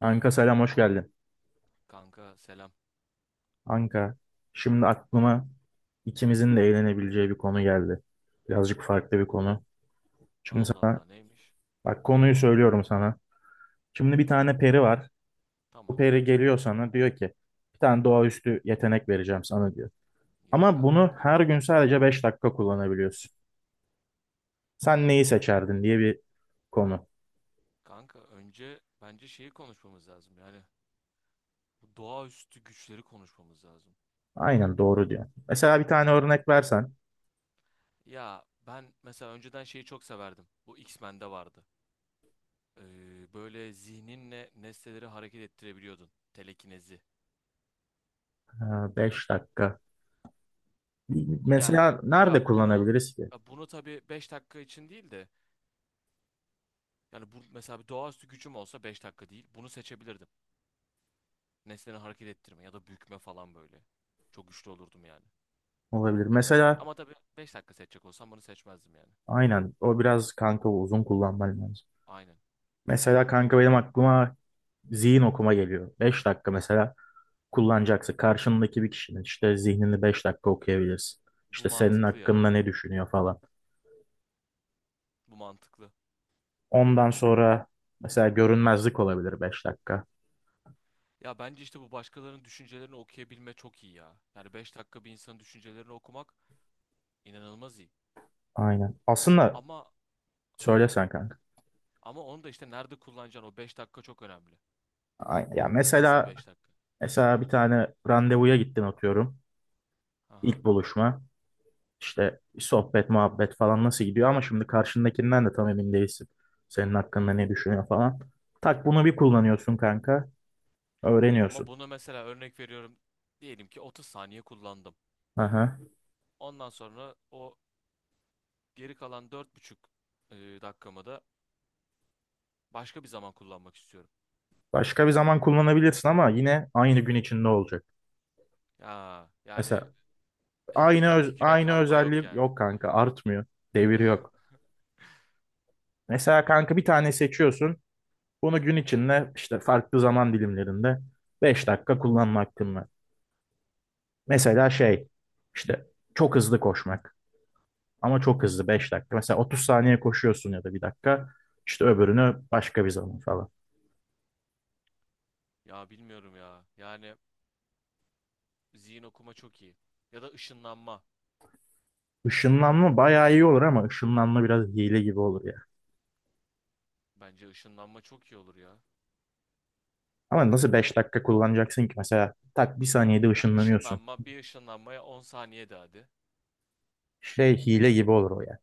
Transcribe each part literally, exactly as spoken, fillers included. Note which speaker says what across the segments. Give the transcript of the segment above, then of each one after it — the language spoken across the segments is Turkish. Speaker 1: Anka, selam, hoş geldin.
Speaker 2: Kanka selam.
Speaker 1: Anka, şimdi aklıma ikimizin de eğlenebileceği bir konu geldi. Birazcık farklı bir konu. Şimdi
Speaker 2: Allah
Speaker 1: sana,
Speaker 2: Allah neymiş?
Speaker 1: bak, konuyu söylüyorum sana. Şimdi bir
Speaker 2: Tamam.
Speaker 1: tane peri var. Bu
Speaker 2: Tamam.
Speaker 1: peri geliyor, sana diyor ki bir tane doğaüstü yetenek vereceğim sana diyor.
Speaker 2: Yok
Speaker 1: Ama bunu
Speaker 2: artık.
Speaker 1: her gün sadece beş dakika kullanabiliyorsun. Sen neyi seçerdin diye bir konu.
Speaker 2: Kanka önce bence şeyi konuşmamız lazım. Yani bu doğaüstü güçleri konuşmamız lazım.
Speaker 1: Aynen, doğru diyor. Mesela bir tane örnek versen.
Speaker 2: Ya ben mesela önceden şeyi çok severdim. Bu X-Men'de vardı. Ee, böyle zihninle nesneleri hareket ettirebiliyordun. Telekinezi.
Speaker 1: Ee, Beş dakika.
Speaker 2: Yani
Speaker 1: Mesela nerede
Speaker 2: ya bunu
Speaker 1: kullanabiliriz ki?
Speaker 2: ya bunu tabii beş dakika için değil de, yani bu mesela bir doğaüstü gücüm olsa beş dakika değil, bunu seçebilirdim. Nesneleri hareket ettirme ya da bükme falan böyle. Çok güçlü olurdum yani.
Speaker 1: Olabilir. Mesela.
Speaker 2: Ama tabii beş dakika seçecek olsam bunu seçmezdim yani.
Speaker 1: Aynen. O biraz kanka uzun kullanman lazım.
Speaker 2: Aynen.
Speaker 1: Mesela kanka benim aklıma zihin okuma geliyor. Beş dakika mesela kullanacaksın. Karşındaki bir kişinin işte zihnini beş dakika okuyabilirsin.
Speaker 2: Bu
Speaker 1: İşte senin
Speaker 2: mantıklı ya.
Speaker 1: hakkında ne düşünüyor falan.
Speaker 2: Bu mantıklı.
Speaker 1: Ondan sonra mesela görünmezlik olabilir beş dakika.
Speaker 2: Ya bence işte bu başkalarının düşüncelerini okuyabilme çok iyi ya. Yani beş dakika bir insanın düşüncelerini okumak inanılmaz iyi.
Speaker 1: Aynen. Aslında
Speaker 2: Ama ha
Speaker 1: söylesen kanka.
Speaker 2: ama onu da, işte nerede kullanacaksın, o beş dakika çok önemli.
Speaker 1: Aynen. Ya
Speaker 2: Nasıl
Speaker 1: mesela
Speaker 2: beş dakika?
Speaker 1: mesela bir tane randevuya gittin atıyorum.
Speaker 2: Aha.
Speaker 1: İlk buluşma. İşte sohbet, muhabbet falan nasıl gidiyor ama şimdi karşındakinden de tam emin değilsin. Senin hakkında ne düşünüyor falan. Tak bunu bir kullanıyorsun kanka.
Speaker 2: Ama
Speaker 1: Öğreniyorsun.
Speaker 2: bunu mesela örnek veriyorum. Diyelim ki otuz saniye kullandım.
Speaker 1: Aha.
Speaker 2: Ondan sonra o geri kalan dört buçuk e, dakikamı da başka bir zaman kullanmak istiyorum.
Speaker 1: Başka bir zaman kullanabilirsin ama yine aynı gün içinde olacak.
Speaker 2: Ya yani,
Speaker 1: Mesela
Speaker 2: bir
Speaker 1: aynı
Speaker 2: dahaki
Speaker 1: öz-
Speaker 2: güne
Speaker 1: aynı
Speaker 2: kalma yok
Speaker 1: özelliği
Speaker 2: yani.
Speaker 1: yok kanka, artmıyor. Devir yok. Mesela kanka bir tane seçiyorsun. Bunu gün içinde işte farklı zaman dilimlerinde beş dakika kullanma hakkın var. Mesela şey, işte çok hızlı koşmak. Ama çok hızlı beş dakika. Mesela otuz saniye koşuyorsun ya da bir dakika. İşte öbürünü başka bir zaman falan.
Speaker 2: Ya bilmiyorum ya. Yani zihin okuma çok iyi. Ya da ışınlanma.
Speaker 1: Işınlanma bayağı iyi olur ama ışınlanma biraz hile gibi olur ya.
Speaker 2: Bence ışınlanma çok iyi olur ya.
Speaker 1: Ama nasıl beş dakika kullanacaksın ki? Mesela tak bir saniyede
Speaker 2: Ya
Speaker 1: ışınlanıyorsun.
Speaker 2: ışınlanma, bir ışınlanmaya on saniye de hadi.
Speaker 1: Şey, hile gibi olur o ya.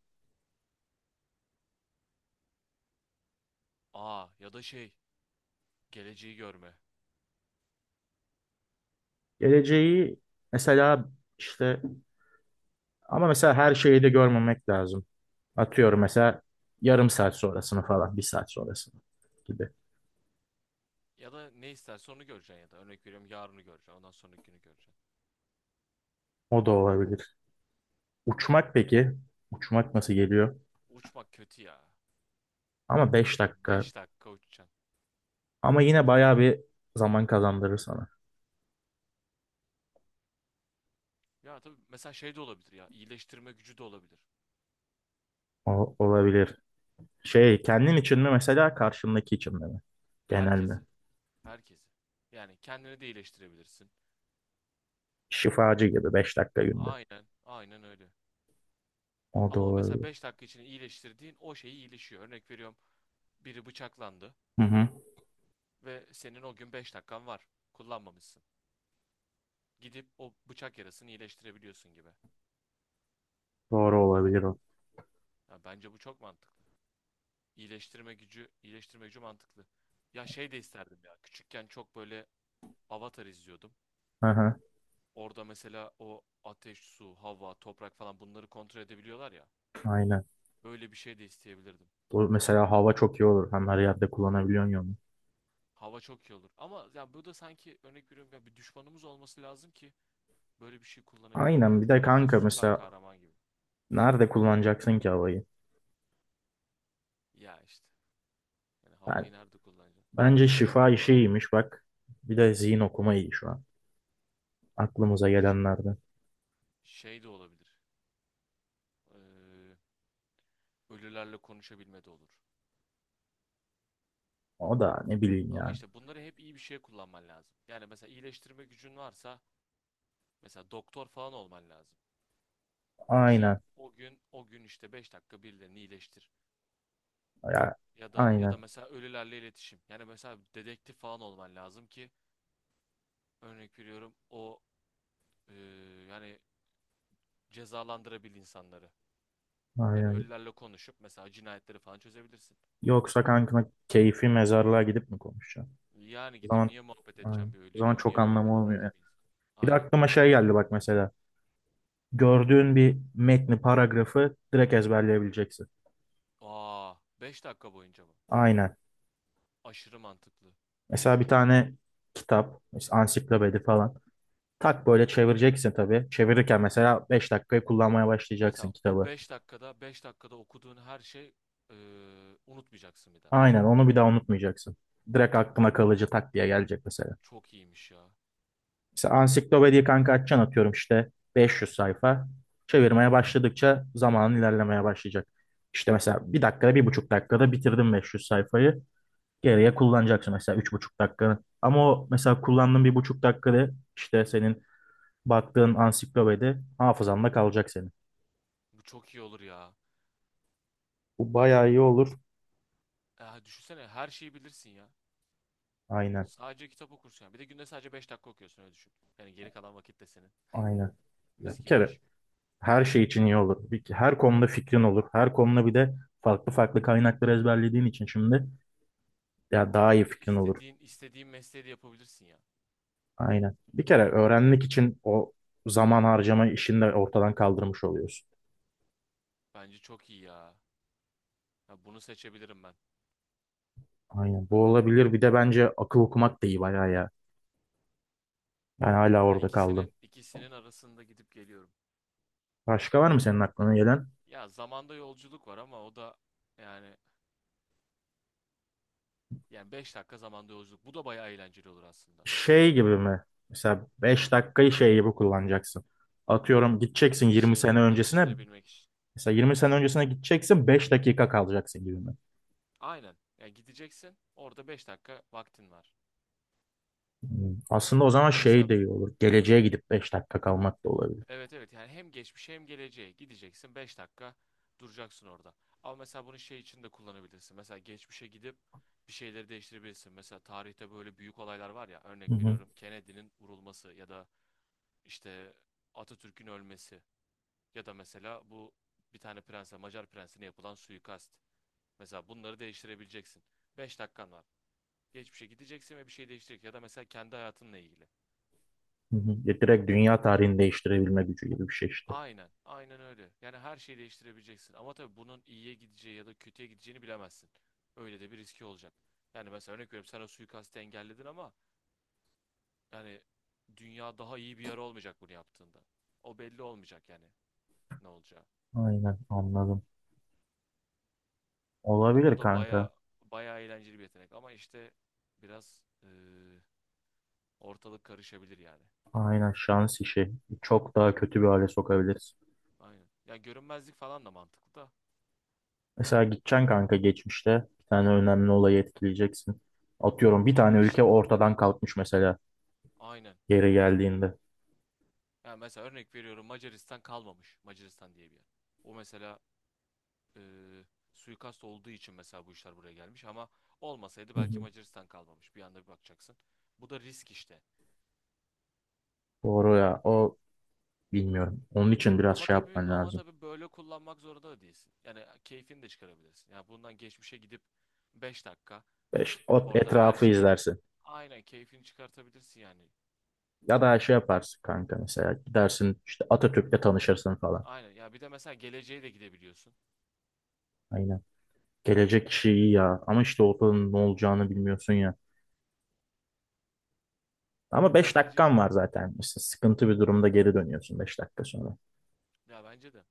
Speaker 2: Aa, ya da şey, geleceği görme.
Speaker 1: Geleceği mesela işte, ama mesela her şeyi de görmemek lazım. Atıyorum mesela yarım saat sonrasını falan, bir saat sonrasını gibi.
Speaker 2: Ya da ne istersen onu göreceksin, ya da örnek veriyorum yarını göreceksin, ondan sonraki günü göreceksin.
Speaker 1: O da olabilir. Uçmak peki? Uçmak nasıl geliyor?
Speaker 2: Uçmak kötü ya.
Speaker 1: Ama beş
Speaker 2: Ya
Speaker 1: dakika.
Speaker 2: beş dakika uçacaksın.
Speaker 1: Ama yine bayağı bir zaman kazandırır sana.
Speaker 2: Ya tabii mesela şey de olabilir ya, iyileştirme gücü de olabilir.
Speaker 1: O, olabilir. Şey, kendin için mi mesela, karşındaki için mi? Genelde.
Speaker 2: Herkesi. Herkesi. Yani kendini de iyileştirebilirsin.
Speaker 1: Şifacı gibi beş dakika günde.
Speaker 2: Aynen. Aynen öyle.
Speaker 1: O da
Speaker 2: Ama o mesela
Speaker 1: olabilir.
Speaker 2: beş dakika içinde iyileştirdiğin o şeyi iyileşiyor. Örnek veriyorum, biri bıçaklandı
Speaker 1: Hı hı.
Speaker 2: ve senin o gün beş dakikan var. Kullanmamışsın. Gidip o bıçak yarasını iyileştirebiliyorsun gibi.
Speaker 1: Doğru olabilir o.
Speaker 2: Ya bence bu çok mantıklı. İyileştirme gücü, iyileştirme gücü mantıklı. Ya şey de isterdim ya. Küçükken çok böyle Avatar izliyordum.
Speaker 1: Hı hı.
Speaker 2: Orada mesela o ateş, su, hava, toprak falan, bunları kontrol edebiliyorlar ya.
Speaker 1: Aynen.
Speaker 2: Öyle bir şey de isteyebilirdim.
Speaker 1: Bu mesela hava çok iyi olur. Hem her yerde kullanabiliyorsun ya onu.
Speaker 2: Hava çok iyi olur. Ama ya bu da, sanki örnek veriyorum ya, bir düşmanımız olması lazım ki böyle bir şey kullanabilirim
Speaker 1: Aynen, bir
Speaker 2: yani.
Speaker 1: de
Speaker 2: Bu bildiğin
Speaker 1: kanka
Speaker 2: süper
Speaker 1: mesela
Speaker 2: kahraman gibi.
Speaker 1: nerede kullanacaksın ki havayı?
Speaker 2: Ya işte. Yani
Speaker 1: Ben,
Speaker 2: havayı nerede kullanacaksın?
Speaker 1: bence şifa işi iyiymiş bak. Bir de zihin okuma iyi şu an. Aklımıza
Speaker 2: Ş-
Speaker 1: gelenlerden.
Speaker 2: Şey de olabilir. Ee, Ölülerle konuşabilme de olur.
Speaker 1: O da ne bileyim
Speaker 2: Ama
Speaker 1: yani.
Speaker 2: işte bunları hep iyi bir şeye kullanman lazım. Yani mesela iyileştirme gücün varsa, mesela doktor falan olman lazım. Ki
Speaker 1: Aynen.
Speaker 2: o gün o gün işte beş dakika birilerini iyileştir.
Speaker 1: Ya,
Speaker 2: Ya da ya da
Speaker 1: aynen.
Speaker 2: mesela ölülerle iletişim. Yani mesela dedektif falan olman lazım ki, örnek veriyorum, o, ee, yani cezalandırabil insanları. Yani
Speaker 1: Aynen.
Speaker 2: ölülerle konuşup mesela cinayetleri falan çözebilirsin.
Speaker 1: Yoksa kankana keyfi mezarlığa gidip mi konuşacağım?
Speaker 2: Yani
Speaker 1: O
Speaker 2: gidip
Speaker 1: zaman,
Speaker 2: niye muhabbet
Speaker 1: aynen.
Speaker 2: edeceğim bir
Speaker 1: O zaman
Speaker 2: ölüyle, niye
Speaker 1: çok
Speaker 2: muhabbet
Speaker 1: anlamı
Speaker 2: eder
Speaker 1: olmuyor
Speaker 2: ki
Speaker 1: ya.
Speaker 2: bir insan?
Speaker 1: Bir de
Speaker 2: Aynen.
Speaker 1: aklıma şey geldi bak mesela. Gördüğün bir metni, paragrafı direkt ezberleyebileceksin.
Speaker 2: Aa, beş dakika boyunca mı?
Speaker 1: Aynen.
Speaker 2: Aşırı mantıklı.
Speaker 1: Mesela bir tane kitap, mesela ansiklopedi falan. Tak böyle çevireceksin tabii. Çevirirken mesela beş dakikayı kullanmaya başlayacaksın
Speaker 2: Mesela o
Speaker 1: kitabı.
Speaker 2: beş dakikada beş dakikada okuduğun her şey eee, unutmayacaksın bir daha.
Speaker 1: Aynen onu bir daha unutmayacaksın. Direkt aklına kalıcı tak diye gelecek mesela.
Speaker 2: Çok iyiymiş ya.
Speaker 1: Mesela ansiklopediyi kanka açacaksın atıyorum işte beş yüz sayfa. Çevirmeye başladıkça zamanın ilerlemeye başlayacak. İşte mesela bir dakikada, bir buçuk dakikada bitirdim beş yüz sayfayı. Geriye kullanacaksın mesela üç buçuk dakikanı. Ama o mesela kullandığın bir buçuk dakikada işte senin baktığın ansiklopedi hafızanda kalacak senin.
Speaker 2: Bu çok iyi olur ya.
Speaker 1: Bu
Speaker 2: Ben,
Speaker 1: bayağı iyi olur.
Speaker 2: ya düşünsene, her şeyi bilirsin ya.
Speaker 1: Aynen.
Speaker 2: Sadece kitap okursun ya. Bir de günde sadece beş dakika okuyorsun, öyle düşün. Yani geri kalan vakit de senin.
Speaker 1: Aynen. Ya
Speaker 2: Mis
Speaker 1: bir
Speaker 2: gibi
Speaker 1: kere
Speaker 2: iş.
Speaker 1: her şey için iyi olur. Bir- her konuda fikrin olur. Her konuda bir de farklı farklı kaynakları ezberlediğin için şimdi ya daha
Speaker 2: Ya
Speaker 1: iyi
Speaker 2: bir de
Speaker 1: fikrin olur.
Speaker 2: istediğin istediğin mesleği de yapabilirsin ya.
Speaker 1: Aynen. Bir kere öğrenmek için o zaman harcama işini de ortadan kaldırmış oluyorsun.
Speaker 2: Bence çok iyi ya. Ya bunu seçebilirim ben.
Speaker 1: Aynen. Bu olabilir. Bir de bence akıl okumak da iyi bayağı ya. Ben hala
Speaker 2: Ya
Speaker 1: orada kaldım.
Speaker 2: ikisinin ikisinin arasında gidip geliyorum.
Speaker 1: Başka var mı senin aklına gelen?
Speaker 2: Ya zamanda yolculuk var, ama o da, yani yani beş dakika zamanda yolculuk, bu da bayağı eğlenceli olur aslında.
Speaker 1: Şey gibi mi? Mesela beş dakikayı şey gibi kullanacaksın. Atıyorum gideceksin
Speaker 2: Bir
Speaker 1: yirmi sene
Speaker 2: şeyleri
Speaker 1: öncesine.
Speaker 2: değiştirebilmek için.
Speaker 1: Mesela yirmi sene öncesine gideceksin, beş dakika kalacaksın gibi mi?
Speaker 2: Aynen. Yani gideceksin, orada beş dakika vaktin var.
Speaker 1: Hmm. Aslında o zaman
Speaker 2: Ya
Speaker 1: şey
Speaker 2: mesela,
Speaker 1: de iyi olur. Geleceğe gidip beş dakika kalmak da olabilir.
Speaker 2: evet, evet, yani hem geçmişe hem geleceğe gideceksin, beş dakika duracaksın orada. Ama mesela bunu şey için de kullanabilirsin. Mesela geçmişe gidip bir şeyleri değiştirebilirsin. Mesela tarihte böyle büyük olaylar var ya,
Speaker 1: Hı
Speaker 2: örnek
Speaker 1: hı.
Speaker 2: veriyorum, Kennedy'nin vurulması, ya da işte Atatürk'ün ölmesi, ya da mesela bu bir tane prense, Macar prensine yapılan suikast. Mesela bunları değiştirebileceksin, beş dakikan var. Geçmişe gideceksin ve bir şey değiştirecek, ya da mesela kendi hayatınla ilgili.
Speaker 1: Hı hı. Ya, direkt dünya tarihini değiştirebilme gücü gibi bir şey işte.
Speaker 2: Aynen, aynen öyle. Yani her şeyi değiştirebileceksin. Ama tabii bunun iyiye gideceği ya da kötüye gideceğini bilemezsin. Öyle de bir riski olacak. Yani mesela örnek veriyorum, sen o suikastı engelledin ama, yani, dünya daha iyi bir yer olmayacak bunu yaptığında. O belli olmayacak yani, ne olacağı.
Speaker 1: Aynen, anladım.
Speaker 2: Ya bu
Speaker 1: Olabilir
Speaker 2: da
Speaker 1: kanka.
Speaker 2: baya baya eğlenceli bir yetenek, ama işte biraz, eee, ortalık karışabilir yani.
Speaker 1: Aynen, şans işi. Çok daha kötü bir hale sokabiliriz.
Speaker 2: Aynen. Ya görünmezlik falan da mantıklı da,
Speaker 1: Mesela gideceksin kanka geçmişte bir tane önemli olayı etkileyeceksin. Atıyorum bir
Speaker 2: ama
Speaker 1: tane ülke
Speaker 2: işte,
Speaker 1: ortadan kalkmış mesela
Speaker 2: aynen.
Speaker 1: geri geldiğinde.
Speaker 2: Yani mesela örnek veriyorum, Macaristan kalmamış. Macaristan diye bir yer. O mesela, e, suikast olduğu için mesela bu işler buraya gelmiş, ama olmasaydı
Speaker 1: Hı
Speaker 2: belki
Speaker 1: hı.
Speaker 2: Macaristan kalmamış. Bir anda bir bakacaksın. Bu da risk işte.
Speaker 1: Doğru ya, o bilmiyorum. Onun için biraz
Speaker 2: Ama
Speaker 1: şey
Speaker 2: tabii
Speaker 1: yapman
Speaker 2: ama
Speaker 1: lazım.
Speaker 2: tabii böyle kullanmak zorunda da değilsin. Yani keyfini de çıkarabilirsin. Yani bundan, geçmişe gidip beş dakika
Speaker 1: E İşte, o
Speaker 2: orada her
Speaker 1: etrafı
Speaker 2: şeyin,
Speaker 1: izlersin.
Speaker 2: aynen, keyfini çıkartabilirsin yani.
Speaker 1: Ya da şey yaparsın kanka, mesela gidersin işte Atatürk'le tanışırsın falan.
Speaker 2: Aynen. Ya bir de mesela geleceğe de gidebiliyorsun.
Speaker 1: Aynen. Gelecek işi iyi ya ama işte ortada ne olacağını bilmiyorsun ya. Ama
Speaker 2: Ya
Speaker 1: beş
Speaker 2: bence
Speaker 1: dakikan var zaten. İşte sıkıntı bir durumda geri dönüyorsun beş dakika sonra.
Speaker 2: ya bence de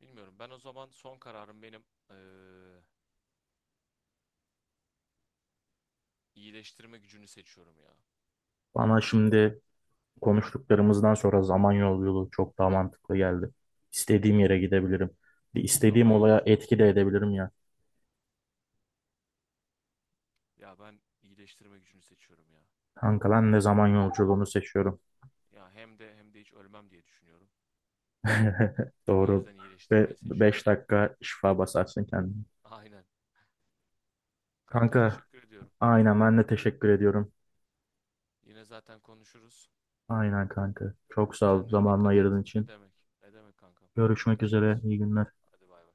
Speaker 2: bilmiyorum. Ben o zaman son kararım, benim eee, iyileştirme gücünü seçiyorum ya.
Speaker 1: Bana şimdi konuştuklarımızdan sonra Samanyolu yolu çok daha mantıklı geldi. İstediğim yere gidebilirim. Bir istediğim
Speaker 2: Zaman
Speaker 1: olaya
Speaker 2: yolculuğu.
Speaker 1: etki de edebilirim ya.
Speaker 2: Ya ben iyileştirme gücünü seçiyorum ya.
Speaker 1: Kanka lan, ne zaman yolculuğunu seçiyorum.
Speaker 2: Ya hem de hem de hiç ölmem diye düşünüyorum. O
Speaker 1: Doğru.
Speaker 2: yüzden
Speaker 1: Ve
Speaker 2: iyileştirmeyi seçiyorum.
Speaker 1: beş dakika şifa basarsın kendine.
Speaker 2: Aynen. Kanka
Speaker 1: Kanka,
Speaker 2: teşekkür ediyorum.
Speaker 1: aynen, ben de teşekkür ediyorum.
Speaker 2: Yine zaten konuşuruz.
Speaker 1: Aynen kanka. Çok sağ ol
Speaker 2: Kendine
Speaker 1: zamanını
Speaker 2: dikkat et.
Speaker 1: ayırdığın
Speaker 2: Ne
Speaker 1: için.
Speaker 2: demek? Ne demek kankam? Hadi
Speaker 1: Görüşmek üzere.
Speaker 2: görüşürüz.
Speaker 1: İyi günler.
Speaker 2: Hadi bay bay.